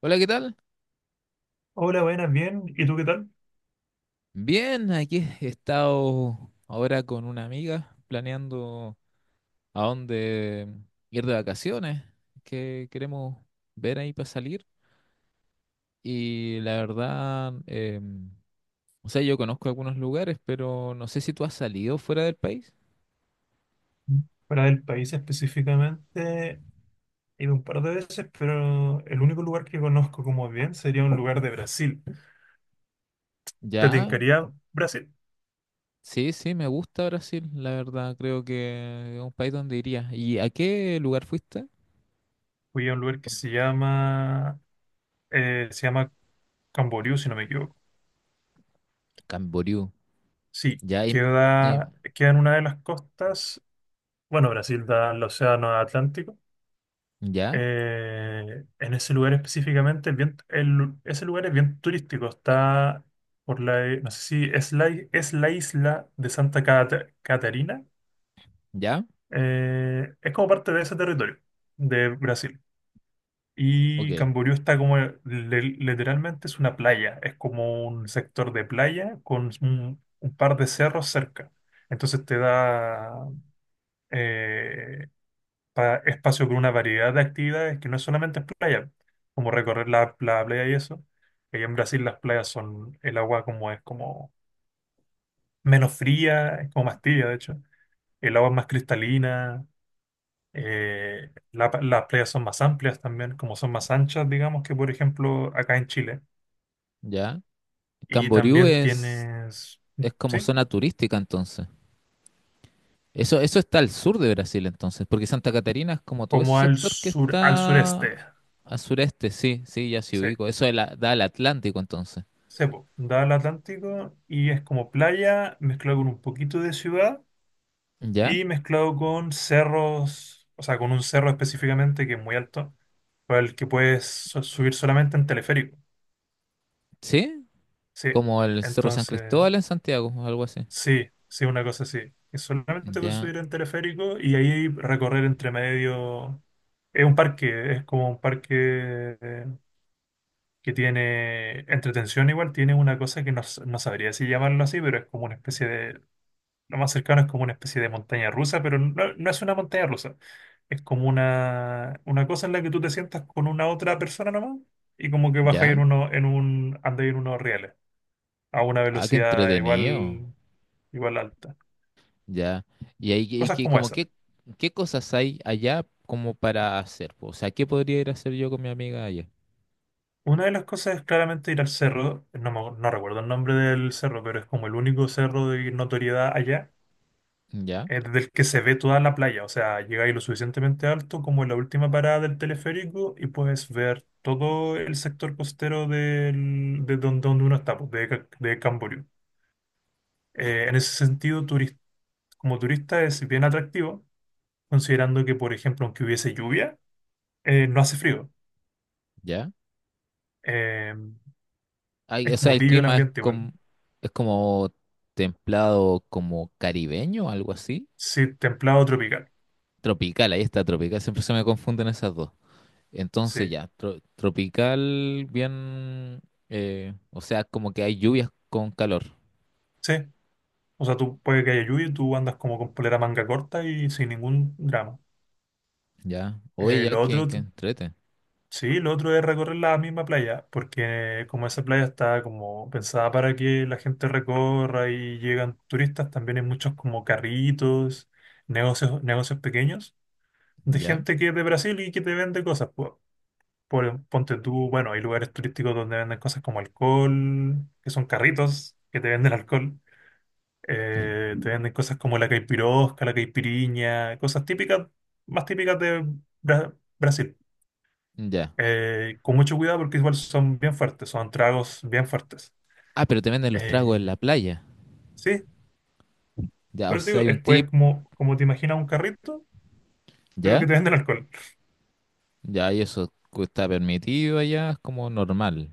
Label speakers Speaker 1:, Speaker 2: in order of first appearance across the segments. Speaker 1: Hola, ¿qué tal?
Speaker 2: Hola, buenas, bien. ¿Y tú qué tal?
Speaker 1: Bien, aquí he estado ahora con una amiga planeando a dónde ir de vacaciones, que queremos ver ahí para salir. Y la verdad, o sea, yo conozco algunos lugares, pero no sé si tú has salido fuera del país.
Speaker 2: Para del país específicamente, he ido un par de veces, pero el único lugar que conozco como bien sería un lugar de Brasil. ¿Te
Speaker 1: Ya,
Speaker 2: tincaría Brasil?
Speaker 1: sí, sí, me gusta Brasil, la verdad, creo que es un país donde iría. ¿Y a qué lugar fuiste?
Speaker 2: Fui a un lugar que se llama Camboriú, si no me equivoco.
Speaker 1: Camboriú.
Speaker 2: Sí,
Speaker 1: Ya, y-
Speaker 2: queda en una de las costas. Bueno, Brasil da al océano Atlántico.
Speaker 1: ya,
Speaker 2: En ese lugar específicamente, es bien- el lu- ese lugar es bien turístico. Está por la, no sé si es la, es la isla de Santa Catarina.
Speaker 1: ya,
Speaker 2: Es como parte de ese territorio de Brasil.
Speaker 1: ok,
Speaker 2: Y Camboriú está como, literalmente es una playa. Es como un sector de playa con un par de cerros cerca. Entonces te da, eh, espacio con una variedad de actividades que no es solamente es playa, como recorrer la playa y eso. Allá en Brasil las playas son, el agua como es como menos fría, es como más tibia de hecho, el agua es más cristalina, las playas son más amplias también, como son más anchas, digamos, que por ejemplo acá en Chile.
Speaker 1: ya.
Speaker 2: Y
Speaker 1: Camboriú
Speaker 2: también
Speaker 1: es,
Speaker 2: tienes,
Speaker 1: es como
Speaker 2: sí,
Speaker 1: zona turística entonces. Eso está al sur de Brasil entonces, porque Santa Catarina es como todo ese
Speaker 2: como al
Speaker 1: sector que
Speaker 2: sur, al
Speaker 1: está
Speaker 2: sureste,
Speaker 1: al sureste, sí, sí, ya sí
Speaker 2: sí.
Speaker 1: ubico. Eso es da al Atlántico entonces.
Speaker 2: Cepo, da al Atlántico y es como playa mezclado con un poquito de ciudad
Speaker 1: ¿Ya?
Speaker 2: y mezclado con cerros, o sea, con un cerro específicamente que es muy alto, para el que puedes subir solamente en teleférico.
Speaker 1: ¿Sí?
Speaker 2: Sí,
Speaker 1: Como el Cerro San
Speaker 2: entonces,
Speaker 1: Cristóbal en Santiago, o algo así.
Speaker 2: sí, sí, una cosa así. Que solamente puedes
Speaker 1: Ya,
Speaker 2: subir en teleférico y ahí recorrer entre medio. Es un parque, es como un parque que tiene entretención igual, tiene una cosa que no, no sabría si llamarlo así, pero es como una especie de... Lo más cercano es como una especie de montaña rusa, pero no, no es una montaña rusa. Es como una cosa en la que tú te sientas con una otra persona nomás y como que bajas en
Speaker 1: ya.
Speaker 2: uno, en un, andas en unos rieles a una
Speaker 1: Ah, qué
Speaker 2: velocidad
Speaker 1: entretenido.
Speaker 2: igual, igual alta.
Speaker 1: Ya. Y ahí,
Speaker 2: Cosas como esa.
Speaker 1: ¿qué cosas hay allá como para hacer, po? O sea, ¿qué podría ir a hacer yo con mi amiga allá?
Speaker 2: Una de las cosas es claramente ir al cerro, no, no recuerdo el nombre del cerro, pero es como el único cerro de notoriedad allá,
Speaker 1: Ya,
Speaker 2: desde el que se ve toda la playa, o sea, llegáis lo suficientemente alto como en la última parada del teleférico y puedes ver todo el sector costero donde uno está, pues, de Camboriú. En ese sentido, como turista es bien atractivo, considerando que, por ejemplo, aunque hubiese lluvia, no hace frío.
Speaker 1: ya.
Speaker 2: Eh,
Speaker 1: Ay,
Speaker 2: es
Speaker 1: o sea,
Speaker 2: como
Speaker 1: el
Speaker 2: tibio el
Speaker 1: clima es
Speaker 2: ambiente igual.
Speaker 1: como, es como templado, como caribeño, algo así.
Speaker 2: Sí, templado tropical.
Speaker 1: Tropical, ahí está, tropical. Siempre se me confunden esas dos.
Speaker 2: Sí,
Speaker 1: Entonces ya, tropical, bien, o sea, como que hay lluvias con calor,
Speaker 2: sí. O sea, tú puede que haya lluvia y tú andas como con polera manga corta y sin ningún drama.
Speaker 1: ¿ya? Oye, ya
Speaker 2: Lo
Speaker 1: que,
Speaker 2: otro...
Speaker 1: que
Speaker 2: Sí, lo otro es recorrer la misma playa, porque como esa playa está como pensada para que la gente recorra y llegan turistas, también hay muchos como carritos, negocios, negocios pequeños de
Speaker 1: ¿ya?
Speaker 2: gente que es de Brasil y que te vende cosas. Ponte tú, bueno, hay lugares turísticos donde venden cosas como alcohol, que son carritos que te venden alcohol. Te venden cosas como la caipirosca, la caipiriña, cosas típicas, más típicas de Brasil.
Speaker 1: Ya.
Speaker 2: Con mucho cuidado porque igual son bien fuertes, son tragos bien fuertes.
Speaker 1: Ah, pero te venden los tragos en
Speaker 2: Eh,
Speaker 1: la playa,
Speaker 2: sí,
Speaker 1: ¿ya? O
Speaker 2: pero te
Speaker 1: sea,
Speaker 2: digo,
Speaker 1: hay un
Speaker 2: es pues
Speaker 1: tip,
Speaker 2: como, como te imaginas un carrito, pero que
Speaker 1: ¿ya?
Speaker 2: te venden alcohol.
Speaker 1: Ya, y eso está permitido allá, es como normal,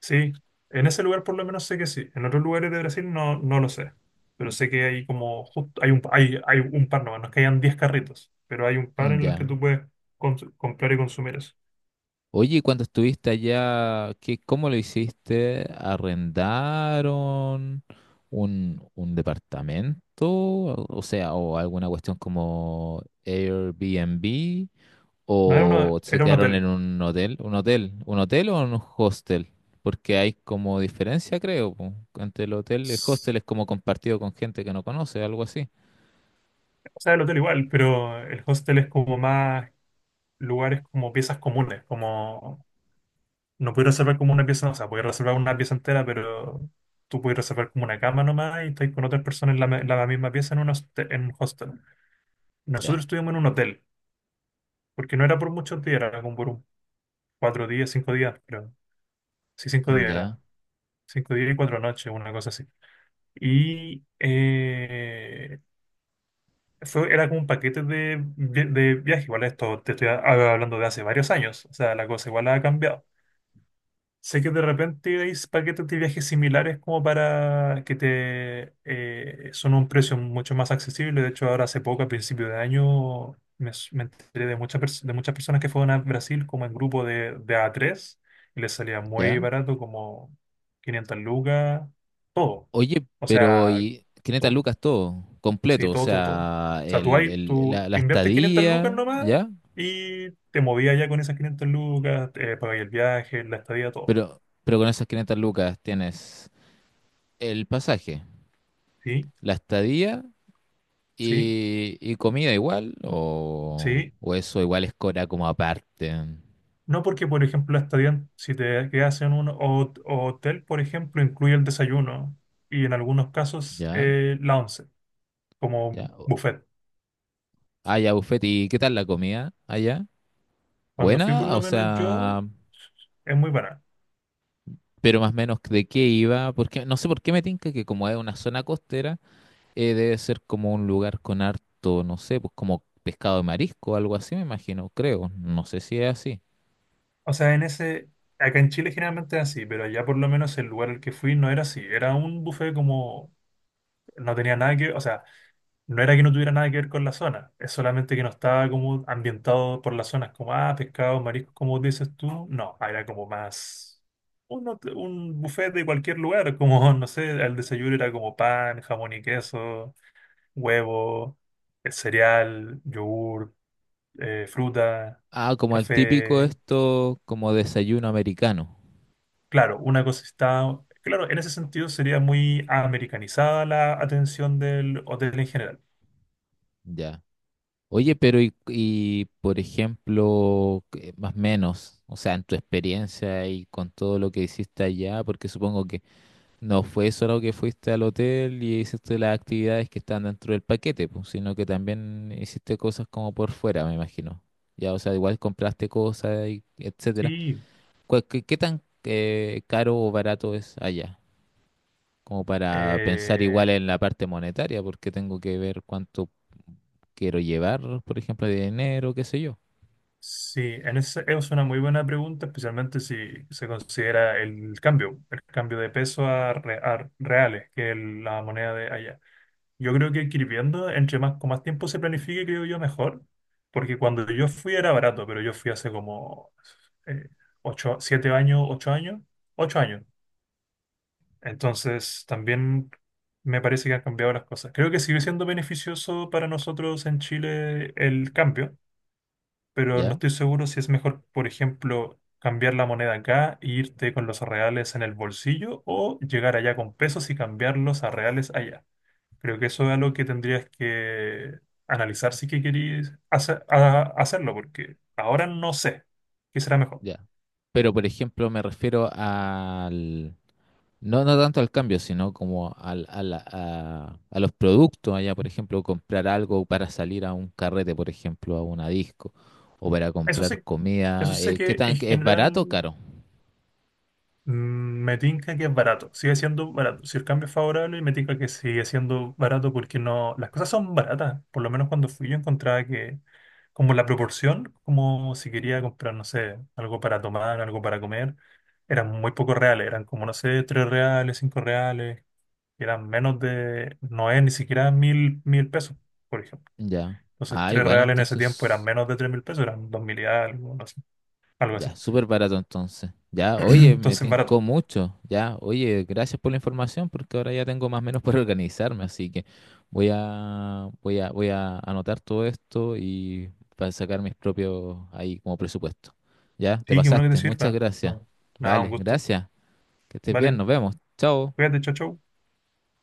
Speaker 2: Sí, en ese lugar por lo menos sé que sí. En otros lugares de Brasil no, no lo sé. Pero sé que hay como, justo, hay un par, no, no es que hayan 10 carritos, pero hay un par en los que
Speaker 1: ¿ya?
Speaker 2: tú puedes comprar y consumir eso.
Speaker 1: Oye, ¿y cuando estuviste allá? ¿Qué, cómo lo hiciste? ¿Arrendaron un departamento? O sea, o alguna cuestión como Airbnb,
Speaker 2: No era, uno,
Speaker 1: o se
Speaker 2: era un
Speaker 1: quedaron en
Speaker 2: hotel.
Speaker 1: un hotel o en un hostel, porque hay como diferencia, creo, po, entre el hotel y el
Speaker 2: S-
Speaker 1: hostel es como compartido con gente que no conoce, algo así.
Speaker 2: O sea, el hotel igual, pero el hostel es como más lugares como piezas comunes, como... No puedes reservar como una pieza, o sea, puedes reservar una pieza entera, pero tú puedes reservar como una cama nomás y estás con otras personas en la misma pieza en un hostel. Nosotros
Speaker 1: Ya,
Speaker 2: estuvimos en un hotel, porque no era por muchos días, era como por un 4 días, 5 días, pero sí, 5 días
Speaker 1: ya,
Speaker 2: era. 5 días y 4 noches, una cosa así. Y era como un paquete de viaje, igual esto te estoy hablando de hace varios años, o sea, la cosa igual ha cambiado. Sé que de repente hay paquetes de viajes similares como para que te son un precio mucho más accesible. De hecho, ahora hace poco, a principio de año, me enteré de muchas personas que fueron a Brasil como en grupo de a tres y les salía muy
Speaker 1: ya.
Speaker 2: barato, como 500 lucas, todo.
Speaker 1: Oye,
Speaker 2: O
Speaker 1: pero
Speaker 2: sea,
Speaker 1: y 500
Speaker 2: todo.
Speaker 1: lucas todo,
Speaker 2: Sí,
Speaker 1: completo, o
Speaker 2: todo, todo, todo. O
Speaker 1: sea,
Speaker 2: sea, tú,
Speaker 1: el,
Speaker 2: hay,
Speaker 1: el- la,
Speaker 2: tú
Speaker 1: la
Speaker 2: inviertes 500 lucas
Speaker 1: estadía,
Speaker 2: nomás
Speaker 1: ¿ya?
Speaker 2: y te movías ya con esas 500 lucas, pagáis el viaje, la estadía, todo.
Speaker 1: Pero con esas 500 lucas tienes el pasaje,
Speaker 2: ¿Sí?
Speaker 1: la estadía
Speaker 2: Sí,
Speaker 1: y comida igual, o,
Speaker 2: sí.
Speaker 1: o eso igual es cora como aparte,
Speaker 2: No porque, por ejemplo, hasta bien, si te quedas en un hotel, por ejemplo, incluye el desayuno y en algunos casos
Speaker 1: ¿ya?
Speaker 2: la once, como
Speaker 1: Ya.
Speaker 2: buffet.
Speaker 1: Ah, ya, buffet, ¿y qué tal la comida allá?
Speaker 2: Cuando fui, por
Speaker 1: ¿Buena?
Speaker 2: lo
Speaker 1: O
Speaker 2: menos yo,
Speaker 1: sea,
Speaker 2: es muy barato.
Speaker 1: pero más o menos de qué iba, porque no sé por qué me tinca que como es una zona costera. Debe ser como un lugar con harto, no sé, pues como pescado de marisco, algo así, me imagino, creo. No sé si es así.
Speaker 2: O sea, acá en Chile generalmente es así, pero allá por lo menos el lugar al que fui no era así. Era un buffet como, no tenía nada que, o sea, no era que no tuviera nada que ver con la zona, es solamente que no estaba como ambientado por las zonas como, ah, pescados, mariscos, como dices tú. No, era como más un buffet de cualquier lugar, como, no sé, el desayuno era como pan, jamón y queso, huevo, cereal, yogur, fruta,
Speaker 1: Ah, como el típico
Speaker 2: café.
Speaker 1: esto, como desayuno americano.
Speaker 2: Claro, una cosa está... Claro, en ese sentido sería muy americanizada la atención del hotel en general.
Speaker 1: Ya. Oye, pero y, por ejemplo, más o menos, o sea, en tu experiencia y con todo lo que hiciste allá, porque supongo que no fue solo que fuiste al hotel y hiciste las actividades que están dentro del paquete, pues, sino que también hiciste cosas como por fuera, me imagino. Ya, o sea, igual compraste cosas y etcétera.
Speaker 2: Sí.
Speaker 1: ¿Qué tan caro o barato es allá? Como para pensar
Speaker 2: eh,
Speaker 1: igual en la parte monetaria, porque tengo que ver cuánto quiero llevar, por ejemplo, de dinero, qué sé yo.
Speaker 2: Sí, es una muy buena pregunta, especialmente si se considera el cambio de peso a reales, que es la moneda de allá. Yo creo que ir viendo, entre más, con más tiempo se planifique, creo yo, mejor, porque cuando yo fui era barato, pero yo fui hace como eh, 8, 7 años, 8 años, 8 años. Entonces, también me parece que han cambiado las cosas. Creo que sigue siendo beneficioso para nosotros en Chile el cambio, pero no
Speaker 1: ¿Ya?
Speaker 2: estoy seguro si es mejor, por ejemplo, cambiar la moneda acá e irte con los reales en el bolsillo o llegar allá con pesos y cambiarlos a reales allá. Creo que eso es algo que tendrías que analizar si que queréis hacerlo, porque ahora no sé qué será mejor.
Speaker 1: Ya. Pero, por ejemplo, me refiero no, no tanto al cambio, sino como al, a, la- a los productos allá, por ejemplo, comprar algo para salir a un carrete, por ejemplo, a una disco, o para
Speaker 2: Eso
Speaker 1: comprar
Speaker 2: sé, eso
Speaker 1: comida.
Speaker 2: sé
Speaker 1: ¿Qué
Speaker 2: que en
Speaker 1: tan es
Speaker 2: general
Speaker 1: barato o caro?
Speaker 2: Me tinca que es barato, sigue siendo barato. Si el cambio es favorable, me tinca que sigue siendo barato porque no, las cosas son baratas. Por lo menos cuando fui yo encontraba que como la proporción, como si quería comprar, no sé, algo para tomar, algo para comer, eran muy pocos reales, eran como, no sé, 3 reales, 5 reales, eran menos de, no es ni siquiera mil pesos, por ejemplo.
Speaker 1: Ya.
Speaker 2: Entonces,
Speaker 1: Ah,
Speaker 2: tres
Speaker 1: igual
Speaker 2: reales en ese tiempo eran
Speaker 1: entonces.
Speaker 2: menos de 3.000 pesos, eran 2.000 y algo, no sé, algo así.
Speaker 1: Ya, súper barato entonces. Ya, oye, me
Speaker 2: Entonces, barato.
Speaker 1: tincó mucho. Ya, oye, gracias por la información porque ahora ya tengo más o menos para organizarme, así que voy a anotar todo esto y para sacar mis propios ahí como presupuesto. Ya, te
Speaker 2: Sí, qué bueno que te
Speaker 1: pasaste. Muchas
Speaker 2: sirva.
Speaker 1: gracias.
Speaker 2: No, nada, un
Speaker 1: Vale,
Speaker 2: gusto.
Speaker 1: gracias. Que estés bien,
Speaker 2: Vale,
Speaker 1: nos vemos. Chao.
Speaker 2: cuídate, chao, chao.